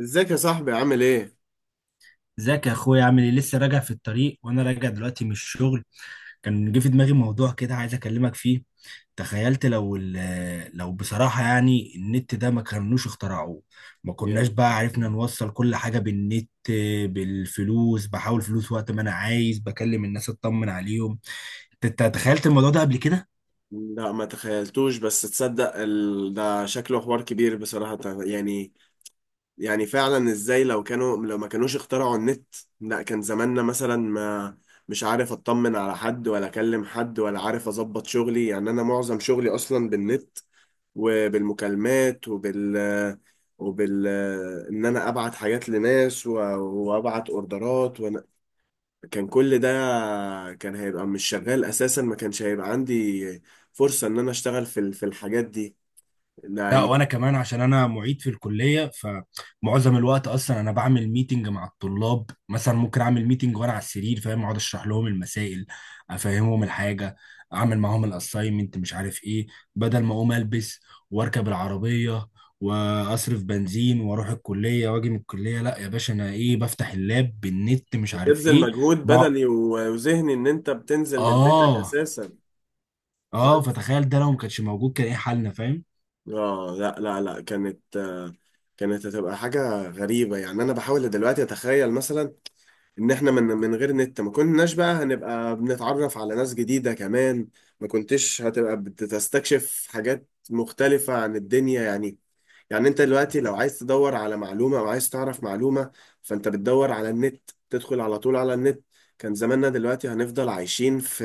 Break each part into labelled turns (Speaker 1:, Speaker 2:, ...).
Speaker 1: ازيك يا صاحبي عامل ايه؟
Speaker 2: ازيك يا اخويا، عامل ايه؟ لسه راجع في الطريق وانا راجع دلوقتي من الشغل. كان جه في دماغي موضوع كده، عايز اكلمك فيه. تخيلت لو لو، بصراحة يعني، النت ده ما كانوش اخترعوه. ما كناش
Speaker 1: يلا،
Speaker 2: بقى عرفنا نوصل كل حاجة بالنت، بالفلوس، بحاول فلوس وقت ما انا عايز بكلم الناس اطمن عليهم. أنت تخيلت الموضوع ده قبل كده؟
Speaker 1: لا ما تخيلتوش، بس تصدق ده شكله حوار كبير بصراحة. يعني فعلا ازاي لو كانوا، لو ما كانوش اخترعوا النت، لا كان زماننا مثلا ما، مش عارف اطمن على حد ولا اكلم حد ولا عارف اظبط شغلي. يعني انا معظم شغلي اصلا بالنت وبالمكالمات وبال ان انا ابعت حاجات لناس وابعت اوردرات. كان كل ده كان هيبقى مش شغال اساسا، ما كانش هيبقى عندي فرصة ان انا اشتغل في الحاجات دي
Speaker 2: لا،
Speaker 1: يعني.
Speaker 2: وانا كمان عشان انا معيد في الكليه، فمعظم الوقت اصلا انا بعمل ميتنج مع الطلاب. مثلا ممكن اعمل ميتنج وانا على السرير، فاهم؟ اقعد اشرح لهم المسائل، افهمهم الحاجه، اعمل معاهم الاساينمنت، مش عارف ايه. بدل ما اقوم البس واركب العربيه واصرف بنزين واروح الكليه واجي من الكليه، لا يا باشا، انا ايه؟ بفتح اللاب بالنت، مش عارف
Speaker 1: بتبذل
Speaker 2: ايه.
Speaker 1: مجهود
Speaker 2: بقى.
Speaker 1: بدني وذهني ان انت بتنزل من بيتك
Speaker 2: اه.
Speaker 1: اساسا
Speaker 2: اه،
Speaker 1: بس.
Speaker 2: فتخيل ده لو ما كانش موجود، كان ايه حالنا؟ فاهم؟
Speaker 1: اه، لا لا لا، كانت كانت هتبقى حاجة غريبة. يعني انا بحاول دلوقتي اتخيل مثلا ان احنا من غير نت ما كناش بقى هنبقى بنتعرف على ناس جديدة كمان، ما كنتش هتبقى بتستكشف حاجات مختلفة عن الدنيا يعني. يعني انت دلوقتي لو عايز تدور على معلومة او عايز تعرف معلومة، فانت بتدور على النت، تدخل على طول على النت. كان زماننا دلوقتي هنفضل عايشين في،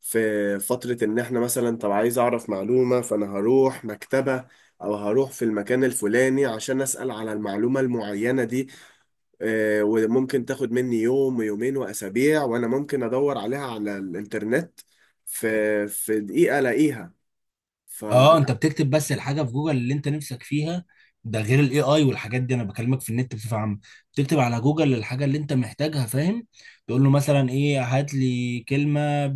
Speaker 1: في فترة ان احنا مثلا، طب عايز اعرف معلومة، فانا هروح مكتبة او هروح في المكان الفلاني عشان اسأل على المعلومة المعينة دي. اه، وممكن تاخد مني يوم ويومين واسابيع، وانا ممكن ادور عليها على الانترنت في، في دقيقة الاقيها.
Speaker 2: اه، انت بتكتب بس الحاجه في جوجل اللي انت نفسك فيها. ده غير الاي اي والحاجات دي. انا بكلمك في النت بصفه عامه. بتكتب على جوجل الحاجه اللي انت محتاجها، فاهم؟ تقول له مثلا ايه، هات لي كلمه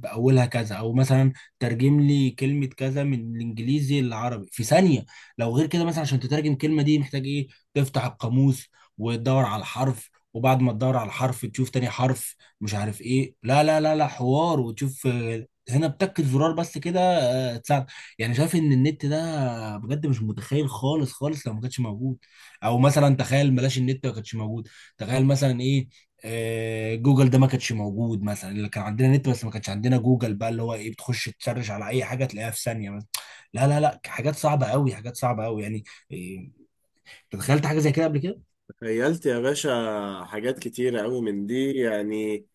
Speaker 2: باولها كذا، او مثلا ترجم لي كلمه كذا من الانجليزي للعربي في ثانيه. لو غير كده، مثلا عشان تترجم كلمه دي محتاج ايه؟ تفتح القاموس وتدور على الحرف، وبعد ما تدور على الحرف تشوف تاني حرف، مش عارف ايه، لا لا لا لا حوار. وتشوف، هنا بتاكد زرار بس كده تساعد. يعني شايف ان النت ده بجد مش متخيل خالص خالص لو ما كانش موجود. او مثلا تخيل بلاش النت ما كانش موجود. تخيل مثلا ايه. جوجل ده ما كانش موجود مثلا. اللي كان عندنا نت بس ما كانش عندنا جوجل، بقى اللي هو ايه؟ بتخش تسرش على اي حاجه تلاقيها في ثانيه مثلا. لا لا لا حاجات صعبه قوي، حاجات صعبه قوي يعني. إيه، تخيلت حاجه زي كده قبل كده؟
Speaker 1: خيلت يا باشا حاجات كتيرة قوي من دي يعني،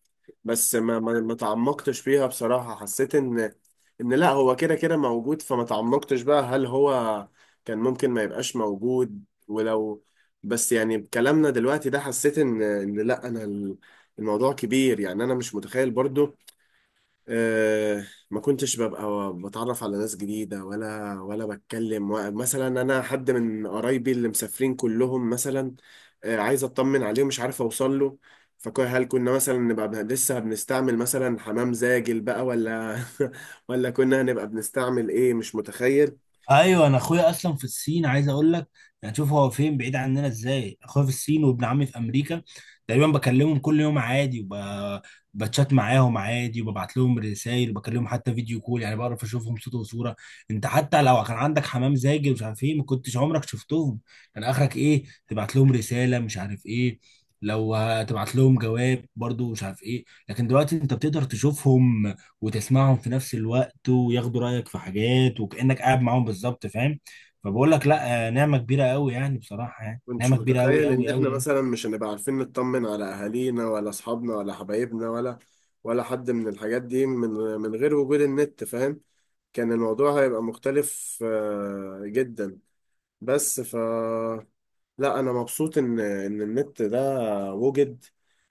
Speaker 1: بس ما تعمقتش فيها بصراحة. حسيت ان، ان لا هو كده كده موجود، فما تعمقتش بقى. هل هو كان ممكن ما يبقاش موجود ولو؟ بس يعني بكلامنا دلوقتي ده حسيت ان، ان لا، انا الموضوع كبير، يعني انا مش متخيل برضو. أه، ما كنتش ببقى بتعرف على ناس جديدة ولا، ولا بتكلم مثلا، أنا حد من قرايبي اللي مسافرين كلهم مثلا، أه عايز أطمن عليه ومش عارف أوصل له. فهل كنا مثلا نبقى لسه بنستعمل مثلا حمام زاجل بقى، ولا ولا كنا هنبقى بنستعمل إيه؟ مش متخيل.
Speaker 2: ايوه، انا اخويا اصلا في الصين، عايز اقول لك يعني شوف هو فين بعيد عننا ازاي. اخويا في الصين وابن عمي في امريكا، تقريبا بكلمهم كل يوم عادي بتشات معاهم عادي وببعت لهم رسائل وبكلمهم حتى فيديو كول. يعني بعرف اشوفهم صوت وصوره. انت حتى لو كان عندك حمام زاجل، مش عارف ايه، ما كنتش عمرك شفتهم. كان اخرك ايه؟ تبعت لهم رساله، مش عارف ايه، لو هتبعت لهم جواب، برضو مش عارف ايه. لكن دلوقتي انت بتقدر تشوفهم وتسمعهم في نفس الوقت وياخدوا رأيك في حاجات، وكأنك قاعد معاهم بالظبط، فاهم؟ فبقول لك لا، نعمة كبيرة قوي يعني، بصراحة يعني
Speaker 1: كنتش
Speaker 2: نعمة كبيرة قوي
Speaker 1: متخيل إن
Speaker 2: قوي
Speaker 1: إحنا
Speaker 2: قوي.
Speaker 1: مثلا مش هنبقى عارفين نطمن على أهالينا ولا أصحابنا ولا حبايبنا، ولا ولا حد من الحاجات دي، من من غير وجود النت فاهم. كان الموضوع هيبقى مختلف جدا. بس، لا انا مبسوط ان ان النت ده وجد،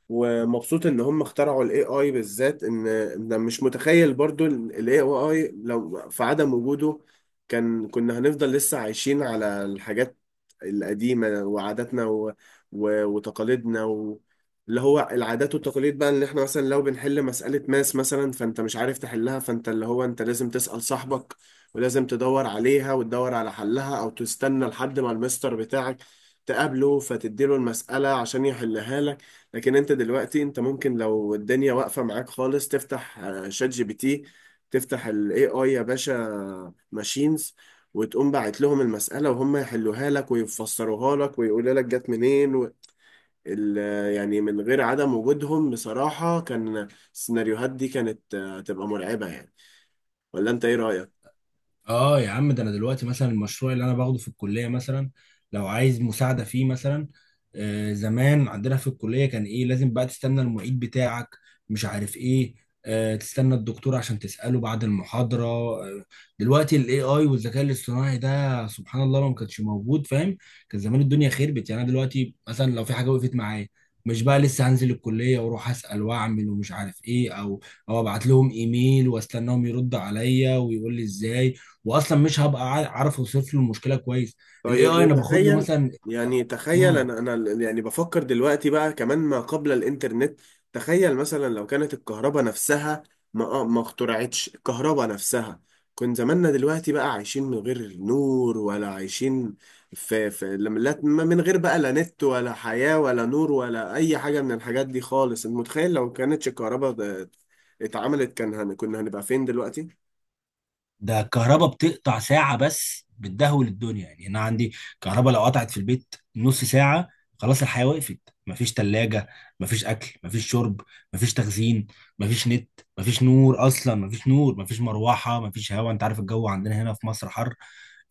Speaker 1: ومبسوط ان هم اخترعوا الاي اي بالذات. ان إن مش متخيل برضو الاي اي لو في عدم وجوده، كان كنا هنفضل لسه عايشين على الحاجات القديمة وعاداتنا وتقاليدنا اللي هو العادات والتقاليد بقى. اللي احنا مثلا لو بنحل مسألة ماس مثلا، فانت مش عارف تحلها، فانت اللي هو انت لازم تسأل صاحبك ولازم تدور عليها وتدور على حلها، او تستنى لحد ما المستر بتاعك تقابله فتديله المسألة عشان يحلها لك. لكن انت دلوقتي، انت ممكن لو الدنيا واقفة معاك خالص، تفتح شات جي بي تي، تفتح الاي اي يا باشا ماشينز، وتقوم باعت لهم المسألة وهم يحلوها لك ويفسروها لك ويقولوا لك جت منين ال... يعني من غير عدم وجودهم بصراحة، كان السيناريوهات دي كانت تبقى مرعبة يعني. ولا انت ايه رأيك؟
Speaker 2: اه يا عم، ده انا دلوقتي مثلا المشروع اللي انا باخده في الكليه، مثلا لو عايز مساعده فيه مثلا. زمان عندنا في الكليه كان ايه؟ لازم بقى تستنى المعيد بتاعك، مش عارف ايه، تستنى الدكتور عشان تساله بعد المحاضره. دلوقتي الاي اي والذكاء الاصطناعي ده، سبحان الله، لو ما كانش موجود، فاهم؟ كان زمان الدنيا خربت. يعني انا دلوقتي مثلا لو في حاجه وقفت معايا، مش بقى لسه هنزل الكليه واروح اسال واعمل ومش عارف ايه، او ابعت لهم ايميل واستناهم يرد عليا ويقول لي ازاي، واصلا مش هبقى عارف اوصف له المشكله كويس. الاي
Speaker 1: طيب
Speaker 2: اي انا باخد له
Speaker 1: وتخيل،
Speaker 2: مثلا.
Speaker 1: يعني تخيل
Speaker 2: مم.
Speaker 1: انا يعني بفكر دلوقتي بقى كمان ما قبل الانترنت. تخيل مثلا لو كانت الكهرباء نفسها ما ما اخترعتش الكهرباء نفسها، كان زماننا دلوقتي بقى عايشين من غير نور، ولا عايشين في، من غير بقى لا نت ولا حياة ولا نور ولا اي حاجة من الحاجات دي خالص. انت متخيل لو كانتش الكهرباء اتعملت، كان كنا هنبقى فين دلوقتي؟
Speaker 2: ده الكهرباء بتقطع ساعة بس بتدهول الدنيا. يعني أنا عندي كهرباء لو قطعت في البيت نص ساعة، خلاص الحياة وقفت. مفيش تلاجة، مفيش أكل، مفيش شرب، مفيش تخزين، مفيش نت، مفيش نور، أصلا مفيش نور، مفيش مروحة، مفيش هواء. أنت عارف الجو عندنا هنا في مصر حر.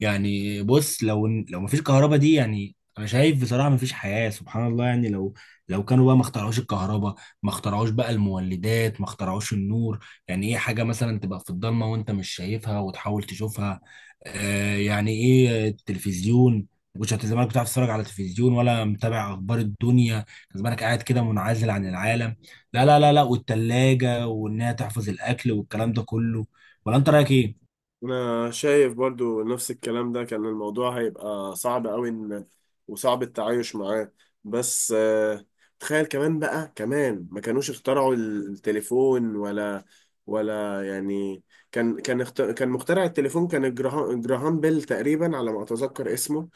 Speaker 2: يعني بص، لو مفيش كهرباء دي، يعني أنا شايف بصراحة مفيش حياة. سبحان الله، يعني لو كانوا بقى ما اخترعوش الكهرباء، ما اخترعوش بقى المولدات، ما اخترعوش النور، يعني ايه حاجة مثلا تبقى في الضلمة وانت مش شايفها وتحاول تشوفها. يعني ايه التلفزيون؟ مش هت- زمانك بتعرف تتفرج على التلفزيون ولا متابع اخبار الدنيا، كان زمانك قاعد كده منعزل عن العالم. لا لا لا لا، والتلاجة وانها تحفظ الاكل والكلام ده كله. ولا انت رأيك ايه؟
Speaker 1: انا شايف برضو نفس الكلام ده. كان الموضوع هيبقى صعب قوي، ان وصعب التعايش معاه. بس تخيل كمان بقى، كمان ما كانوش اخترعوا التليفون، ولا ولا يعني، كان مخترع التليفون كان جراهام، جراهام بيل تقريبا على ما اتذكر اسمه.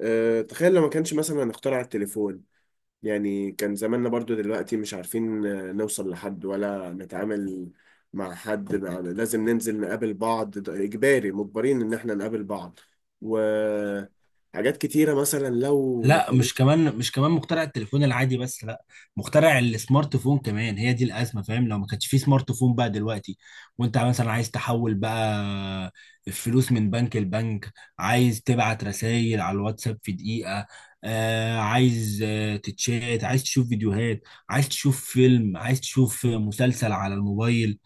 Speaker 1: تخيل لو ما كانش مثلا اخترع التليفون، يعني كان زماننا برضو دلوقتي مش عارفين نوصل لحد ولا نتعامل مع حد، لازم ننزل نقابل بعض، ده إجباري مجبرين إن إحنا نقابل بعض. وحاجات كتيرة مثلا لو ما
Speaker 2: لا، مش
Speaker 1: كانتش.
Speaker 2: كمان مش كمان مخترع التليفون العادي بس، لا، مخترع السمارت فون كمان. هي دي الازمه، فاهم؟ لو ما كانش في سمارت فون بقى دلوقتي، وانت مثلا عايز تحول بقى الفلوس من بنك لبنك، عايز تبعت رسائل على الواتساب في دقيقه، عايز تتشات، عايز تشوف فيديوهات، عايز تشوف فيلم، عايز تشوف مسلسل على الموبايل.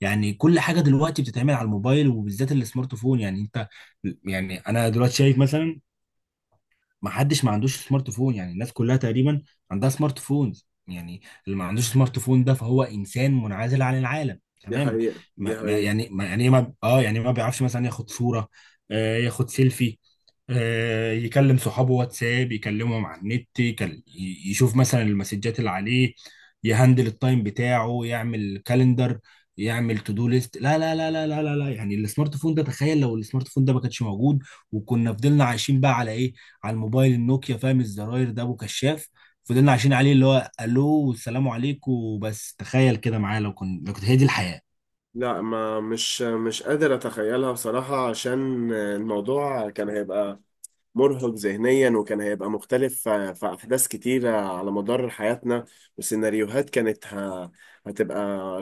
Speaker 2: يعني كل حاجه دلوقتي بتتعمل على الموبايل وبالذات السمارت فون. يعني انت، يعني انا دلوقتي شايف مثلا ما حدش ما عندوش سمارت فون، يعني الناس كلها تقريبا عندها سمارت فونز. يعني اللي ما عندوش سمارت فون ده، فهو انسان منعزل عن العالم
Speaker 1: دي
Speaker 2: تماما.
Speaker 1: حقيقة دي حقيقة.
Speaker 2: يعني ما يعني إيه، ما يعني ما بيعرفش مثلا ياخد صورة، ياخد سيلفي، يكلم صحابه واتساب، يكلمهم على النت، يشوف مثلا المسجات اللي عليه، يهندل التايم بتاعه، يعمل كالندر، يعمل تو دو ليست. لا لا لا لا لا لا لا، يعني السمارت فون ده، تخيل لو السمارت فون ده ما كانش موجود وكنا فضلنا عايشين بقى على ايه؟ على الموبايل النوكيا، فاهم؟ الزراير ده ابو كشاف. فضلنا عايشين عليه، اللي هو الو والسلام عليكم بس. تخيل كده معايا لو كنت هي دي الحياة.
Speaker 1: لا، ما مش قادر أتخيلها بصراحة، عشان الموضوع كان هيبقى مرهق ذهنيا، وكان هيبقى مختلف في، في أحداث كتيرة على مدار حياتنا، وسيناريوهات كانت هتبقى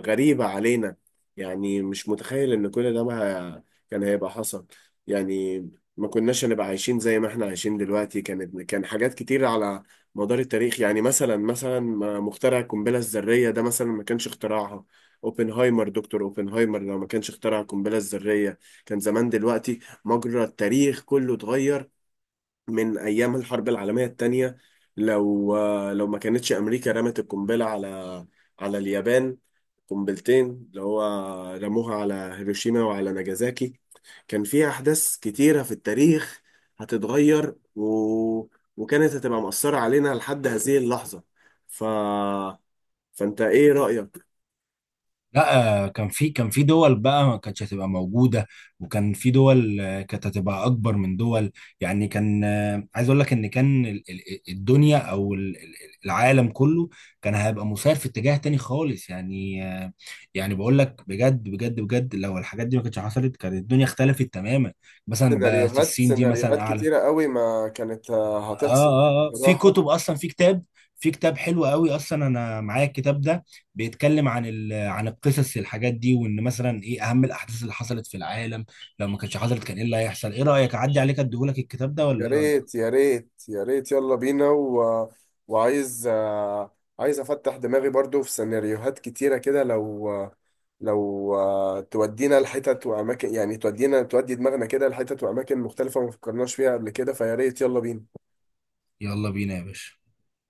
Speaker 1: غريبة علينا. يعني مش متخيل إن كل ده ما كان هيبقى حصل يعني. ما كناش هنبقى عايشين زي ما احنا عايشين دلوقتي. كانت كان حاجات كتيرة على مدار التاريخ، يعني مثلا مخترع القنبلة الذرية ده مثلا، ما كانش اختراعها. اوبنهايمر، دكتور اوبنهايمر، لو ما كانش اخترع القنبلة الذرية، كان زمان دلوقتي مجرى التاريخ كله اتغير من ايام الحرب العالميه الثانيه. لو، لو ما كانتش امريكا رمت القنبله على، على اليابان، قنبلتين اللي هو رموها على هيروشيما وعلى ناجازاكي، كان فيها احداث كتيره في التاريخ هتتغير وكانت هتبقى مؤثره علينا لحد هذه اللحظه. ف فانت ايه رايك؟
Speaker 2: لا، كان في دول بقى ما كانتش هتبقى موجوده، وكان في دول، كانت هتبقى اكبر من دول. يعني كان، عايز اقول لك ان كان الدنيا او العالم كله كان هيبقى مسار في اتجاه تاني خالص، يعني يعني بقول لك بجد بجد بجد لو الحاجات دي ما كانتش حصلت كانت الدنيا اختلفت تماما. مثلا، بس
Speaker 1: سيناريوهات،
Speaker 2: الصين دي مثلا
Speaker 1: سيناريوهات
Speaker 2: اعلى.
Speaker 1: كتيرة قوي ما كانت
Speaker 2: اه،
Speaker 1: هتحصل
Speaker 2: اه، آه. في
Speaker 1: بصراحة.
Speaker 2: كتب اصلا، في كتاب، في كتاب حلو قوي اصلا. انا معايا الكتاب ده بيتكلم عن عن القصص الحاجات دي، وان مثلا ايه اهم الاحداث اللي حصلت في العالم لو ما كانتش حصلت كان ايه اللي هيحصل. ايه رايك اعدي عليك اديهولك الكتاب ده
Speaker 1: يا
Speaker 2: ولا ايه رايك؟
Speaker 1: ريت يا ريت يا ريت، يلا بينا وعايز عايز افتح دماغي برضو في سيناريوهات كتيرة كده، لو لو تودينا لحتت واماكن، يعني تودي دماغنا كده لحتت واماكن مختلفة ما فكرناش فيها قبل كده. فيا ريت يلا بينا.
Speaker 2: يلا بينا يا باشا.